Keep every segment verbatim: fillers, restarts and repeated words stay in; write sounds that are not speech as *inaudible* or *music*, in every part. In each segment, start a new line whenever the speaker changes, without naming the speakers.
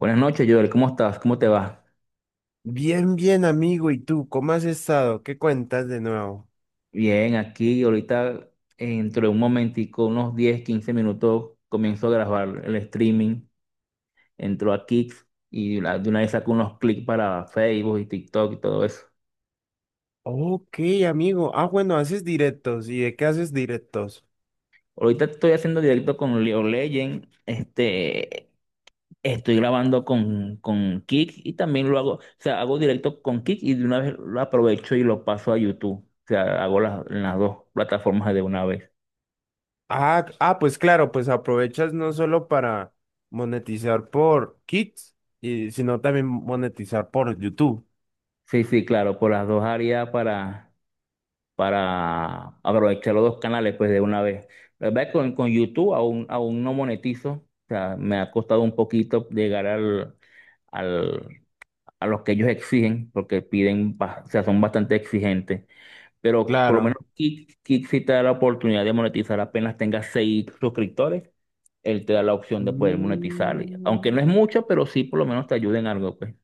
Buenas noches, Joel. ¿Cómo estás? ¿Cómo te va?
Bien, bien, amigo. ¿Y tú cómo has estado? ¿Qué cuentas de nuevo?
Bien, aquí ahorita dentro de un momentico, unos diez, quince minutos, comienzo a grabar el streaming. Entro a Kick y la- de una vez saco unos clics para Facebook y TikTok y todo eso.
Ok, amigo. Ah, bueno, haces directos. ¿Y de qué haces directos?
Ahorita estoy haciendo directo con Leo Legend. Este, estoy grabando con, con Kick y también lo hago, o sea, hago directo con Kick y de una vez lo aprovecho y lo paso a YouTube. O sea, hago las, las dos plataformas de una vez.
Ah, ah, pues claro, pues aprovechas no solo para monetizar por Kids, y, sino también monetizar por YouTube.
Sí, sí, claro, por las dos áreas para para aprovechar los dos canales pues de una vez. La verdad es que con, con YouTube aún, aún no monetizo, o sea, me ha costado un poquito llegar al, al, a los que ellos exigen, porque piden, ba- o sea, son bastante exigentes, pero por lo menos
Claro.
Kick, Kick sí te da la oportunidad de monetizar apenas tengas seis suscriptores, él te da la opción de poder monetizar, y- aunque no
Mm.
es mucho, pero sí por lo menos te ayuda en algo, pues.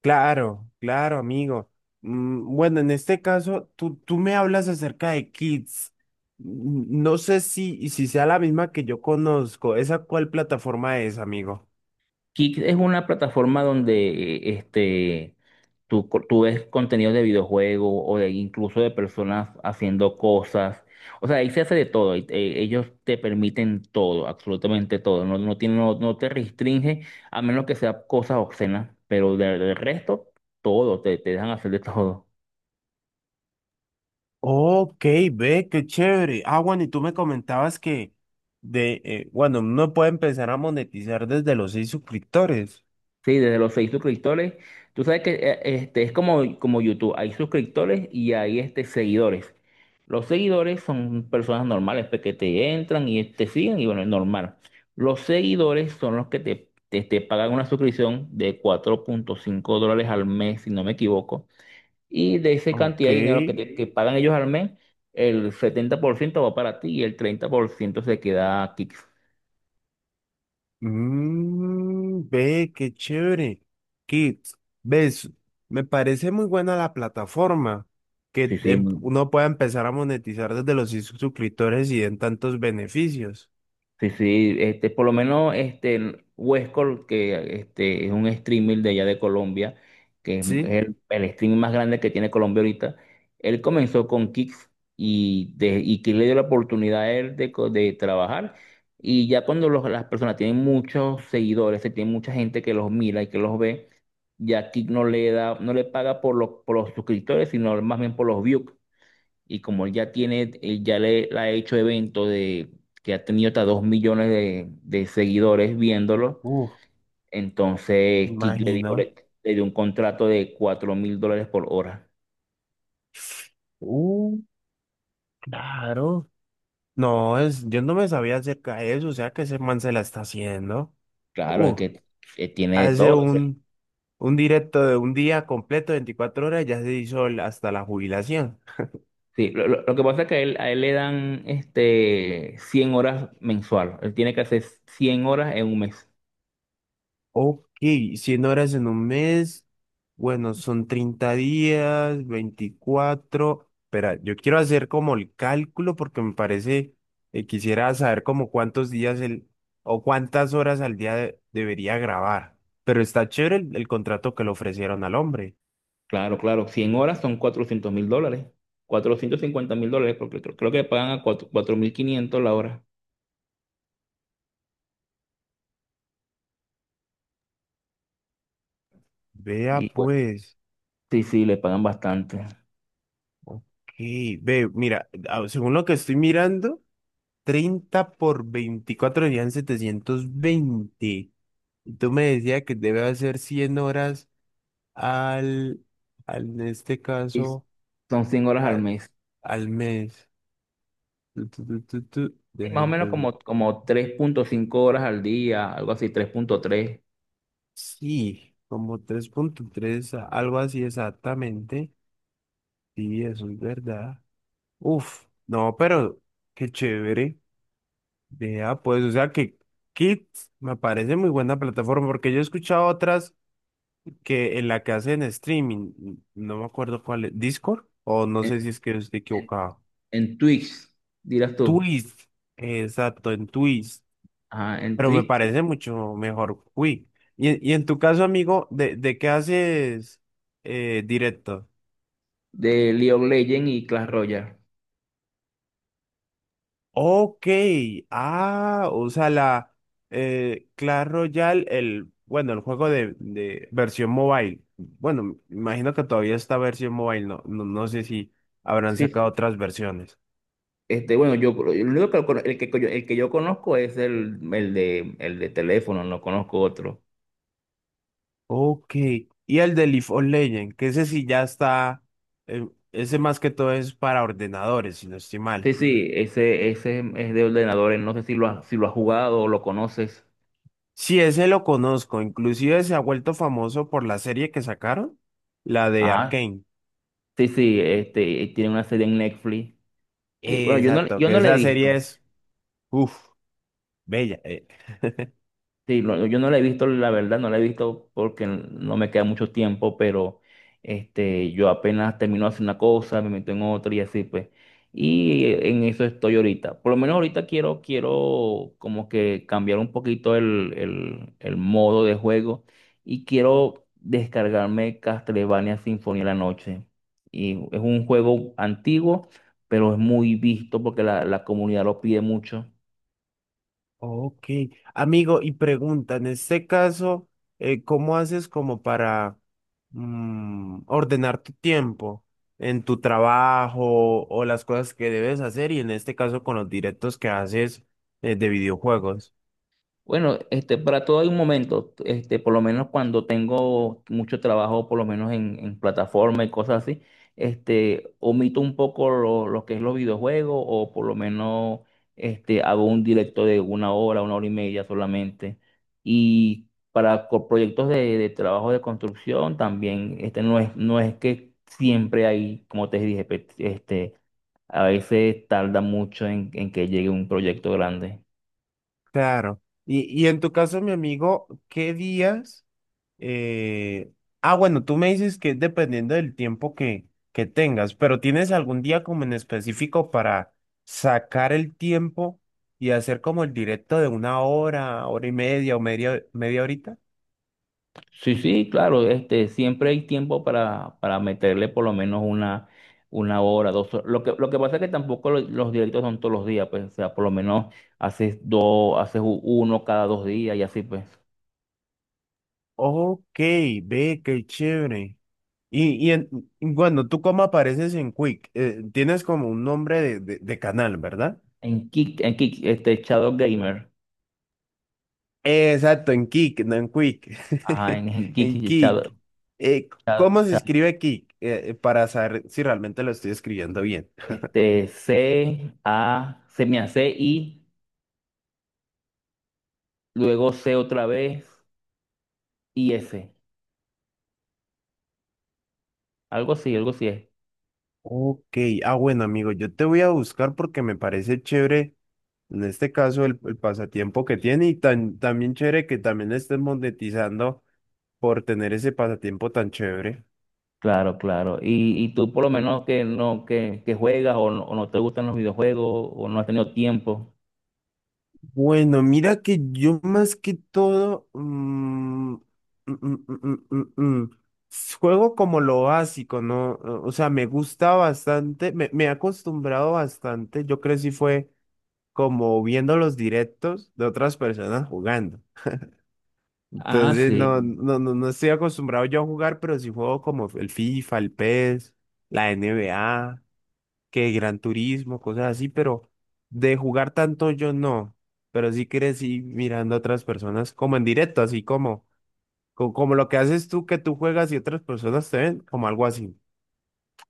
Claro, claro, amigo. Mm, Bueno, en este caso, tú, tú me hablas acerca de Kids. Mm, No sé si, si sea la misma que yo conozco. ¿Esa cuál plataforma es, amigo?
Kick es una plataforma donde eh, este Tú, co- tú ves contenidos de videojuegos o de incluso de personas haciendo cosas. O sea, ahí se hace de todo. Y, eh, ellos te permiten todo, absolutamente todo. No, no, tiene- no, no te restringe a menos que sea cosas obscenas, pero de- del resto, todo, te, te dejan hacer de todo.
Ok, ve, qué chévere. Ah, bueno, y tú me comentabas que de, eh, bueno, uno puede empezar a monetizar desde los seis suscriptores.
Sí, desde los seis suscriptores. Tú sabes que eh, este, es como, como YouTube. Hay suscriptores y hay este, seguidores. Los seguidores son personas normales pues, que te entran y te siguen y bueno, es normal. Los seguidores son los que te, te, te pagan una suscripción de cuatro punto cinco dólares al mes, si no me equivoco. Y de esa
Ok.
cantidad de dinero que, te- que pagan ellos al mes, el setenta por ciento va para ti y el treinta por ciento se queda aquí.
Mm, ve, qué chévere. Kids, ves, me parece muy buena la plataforma que
Sí, sí,
em- uno pueda empezar a monetizar desde los sus- suscriptores y den tantos beneficios.
sí, sí, este, por lo menos este el Huescol, que este, es un streamer de allá de Colombia, que es
¿Sí?
el, el streamer más grande que tiene Colombia ahorita, él comenzó con Kicks y, de, y Kix le dio la oportunidad a él de, co- de trabajar. Y ya cuando los- las personas tienen muchos seguidores, se tiene mucha gente que los mira y que los ve, ya Kix no le da, no le paga por los, por los suscriptores, sino más bien por los views. Y como él ya tiene, él ya le, le ha hecho eventos de que ha tenido hasta dos millones de, de seguidores viéndolo,
Uf, me
entonces Kick le
imagino.
dijo, le, le dio un contrato de cuatro mil dólares por hora.
Uh, claro. No, es, yo no me sabía acerca de eso, o sea que ese man se la está haciendo.
Claro, es
Uh,
que eh, tiene de
hace
todo.
un, un directo de un día completo, veinticuatro horas, ya se hizo el- hasta la jubilación.
Sí, lo, lo- lo que pasa es que a él, a él le dan este cien horas mensual. Él tiene que hacer cien horas en un mes.
Ok, cien horas en un mes, bueno, son treinta días, veinticuatro. Espera, yo quiero hacer como el cálculo porque me parece, eh, quisiera saber como cuántos días el, o cuántas horas al día de- debería grabar. Pero está chévere el, el contrato que le ofrecieron al hombre.
Claro, claro, cien horas son cuatrocientos mil dólares. Cuatrocientos cincuenta mil dólares, porque creo, creo que pagan a cuatro- mil quinientos la hora.
Vea pues,
Sí, sí, le pagan bastante.
ok, ve, mira, ah, según lo que estoy mirando, treinta por veinticuatro serían setecientos veinte. Y tú me decías que debe hacer cien horas al, al en este
Y
caso,
son cinco horas al
al,
mes.
al mes. Tu, tu, tu, tu, tu,
Sí,
deja
más o menos
entonces.
como, como tres punto cinco horas al día, algo así, tres punto tres.
Sí, como tres punto tres, a- algo así exactamente. Sí, eso es verdad. Uf, no, pero qué chévere. Vea, pues, o sea que Kids me parece muy buena plataforma porque yo he escuchado otras que en la que hacen streaming, no me acuerdo cuál es, Discord, o no
En,
sé si es que estoy
en,
equivocado.
en Twitch, dirás tú.
Twist, exacto, en Twist,
Ajá, en
pero me
Twitch
parece mucho mejor Quick. Y, y en tu caso, amigo, ¿de, de qué haces eh, directo?
de League of Legends y Clash Royale.
Ok, ah, o sea, la eh, Clash Royale, el, bueno, el juego de, de versión mobile. Bueno, me imagino que todavía está versión mobile, no, no, no sé si habrán
Sí,
sacado
sí.
otras versiones.
Este, bueno, yo el único que, lo cono- el que, yo- el que yo conozco es el, el de, el de teléfono, no conozco otro.
Ok. Y el de League of Legends, que ese sí ya está, eh, ese más que todo es para ordenadores, si no estoy
Sí,
mal.
sí, ese, ese es de ordenadores, no sé si lo has, si lo has jugado o lo conoces.
Sí, ese lo conozco, inclusive se ha vuelto famoso por la serie que sacaron, la de
Ajá.
Arcane.
Sí, sí, este, tiene una serie en Netflix. Que, bueno, yo no,
Exacto,
yo
que
no la he
esa serie
visto.
es, uff, bella. eh. *laughs*
Sí, lo- yo no la he visto, la verdad, no la he visto porque no me queda mucho tiempo, pero este, yo apenas termino de hacer una cosa, me meto en otra y así pues. Y eh, en eso estoy ahorita. Por lo menos ahorita quiero, quiero como que cambiar un poquito el, el, el modo de juego y quiero descargarme Castlevania Sinfonía de la Noche. Y es un juego antiguo, pero es muy visto porque la, la comunidad lo pide mucho.
Ok, amigo, y pregunta, en este caso, eh, ¿cómo haces como para mm, ordenar tu tiempo en tu trabajo o las cosas que debes hacer y en este caso con los directos que haces eh, de videojuegos?
Bueno, este, para todo hay un momento, este, por lo menos cuando tengo mucho trabajo, por lo menos en, en plataforma y cosas así, este, omito un poco lo, lo que es los videojuegos, o por lo menos este, hago un directo de una hora, una hora y media solamente. Y para co- proyectos de, de trabajo de construcción también, este, no es, no es que siempre hay, como te dije, pe- este, a veces tarda mucho en en que llegue un proyecto grande.
Claro. Y, y en tu caso, mi amigo, ¿qué días? Eh, ah, bueno, tú me dices que es dependiendo del tiempo que, que tengas, pero ¿tienes algún día como en específico para sacar el tiempo y hacer como el directo de una hora, hora y media o media, media horita?
Sí, sí, claro, este, siempre hay tiempo para, para meterle por lo menos una, una hora, dos horas. Lo que, lo que pasa es que tampoco lo- los directos son todos los días, pues, o sea, por lo menos haces dos, haces u- uno cada dos días y así, pues.
Ok, ve, qué chévere. Y, y en- y bueno, ¿tú cómo apareces en Quick? Eh, tienes como un nombre de, de, de canal, ¿verdad?
En Kick, en Kick, este, Shadow Gamer,
Exacto, en Kik, no en Quick.
ajá, en, en
*laughs*
Kick,
En Kik.
Shadow,
Eh, ¿cómo
Shadow-
se
Shadow,
escribe Kik? Eh, eh, para saber si realmente lo estoy escribiendo bien.
este, C, A, se me hace I, luego C otra vez y S, algo así, algo así es.
Ok, ah, bueno, amigo, yo te voy a buscar porque me parece chévere, en este caso, el, el pasatiempo que tiene y tan, también chévere que también estés monetizando por tener ese pasatiempo tan chévere.
Claro, claro. Y, y tú por lo menos que no que, que juegas o no, o no te gustan los videojuegos o no has tenido tiempo.
Bueno, mira que yo más que todo mm, mm, mm, mm, mm, mm, mm, s- juego como lo básico, ¿no? O sea, me gusta bastante, me, me he acostumbrado bastante. Yo crecí fue como viendo los directos de otras personas jugando.
Ah,
Entonces,
sí.
no, no, no, no estoy acostumbrado yo a jugar, pero sí juego como el FIFA, el P E S, la N B A que Gran Turismo, cosas así, pero de jugar tanto yo no, pero sí crecí mirando a otras personas como en directo, así como, co- como, lo que haces tú que tú juegas y otras personas te ven, como algo así.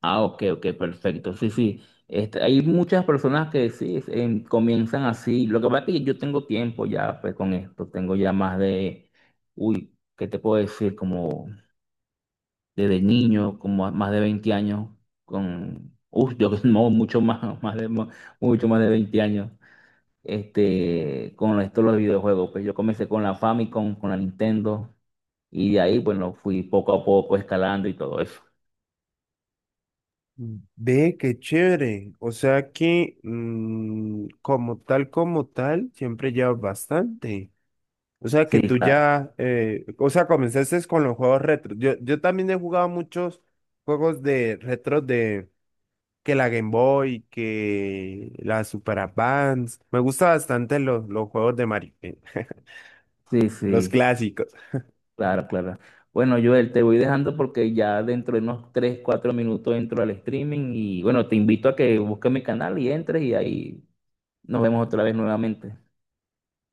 Ah, ok, ok, perfecto. Sí, sí. Este, hay muchas personas que sí es- em, comienzan así. Lo que pasa es que yo tengo tiempo ya pues con esto. Tengo ya más de, uy, ¿qué te puedo decir? Como desde niño, como a- más de veinte años con, uy, yo *laughs* no, mucho más, más de, mucho más de veinte años. este, con esto los videojuegos. Pues yo comencé con la Famicom, con la Nintendo, y de ahí, bueno, fui poco a poco escalando y todo eso.
Ve, qué chévere. O sea que mm, como tal, como tal, siempre llevas bastante. O sea que
Sí,
tú
claro,
ya, eh, o sea, comenzaste con los juegos retro. Yo, yo también he jugado muchos juegos de retro de que la Game Boy, que la Super Advance. Me gusta bastante los, los juegos de Mario, eh,
sí,
los
sí,
clásicos.
claro, claro. Bueno, Joel, te voy dejando porque ya dentro de unos tres cuatro minutos entro al streaming y bueno, te invito a que busques mi canal y entres y ahí nos vemos otra vez nuevamente.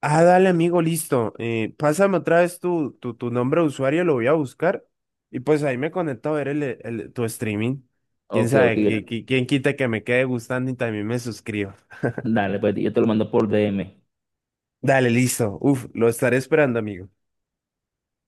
Ah, dale, amigo, listo. Eh, pásame otra vez tu, tu, tu nombre de usuario, lo voy a buscar. Y pues ahí me conecto a ver el, el- tu streaming. Quién
Ok, ok.
sabe, qui- qui- quién quita que me quede gustando y también me suscribo.
Dale, pues yo te lo mando por D M.
Dale, listo. Uf, lo estaré esperando, amigo.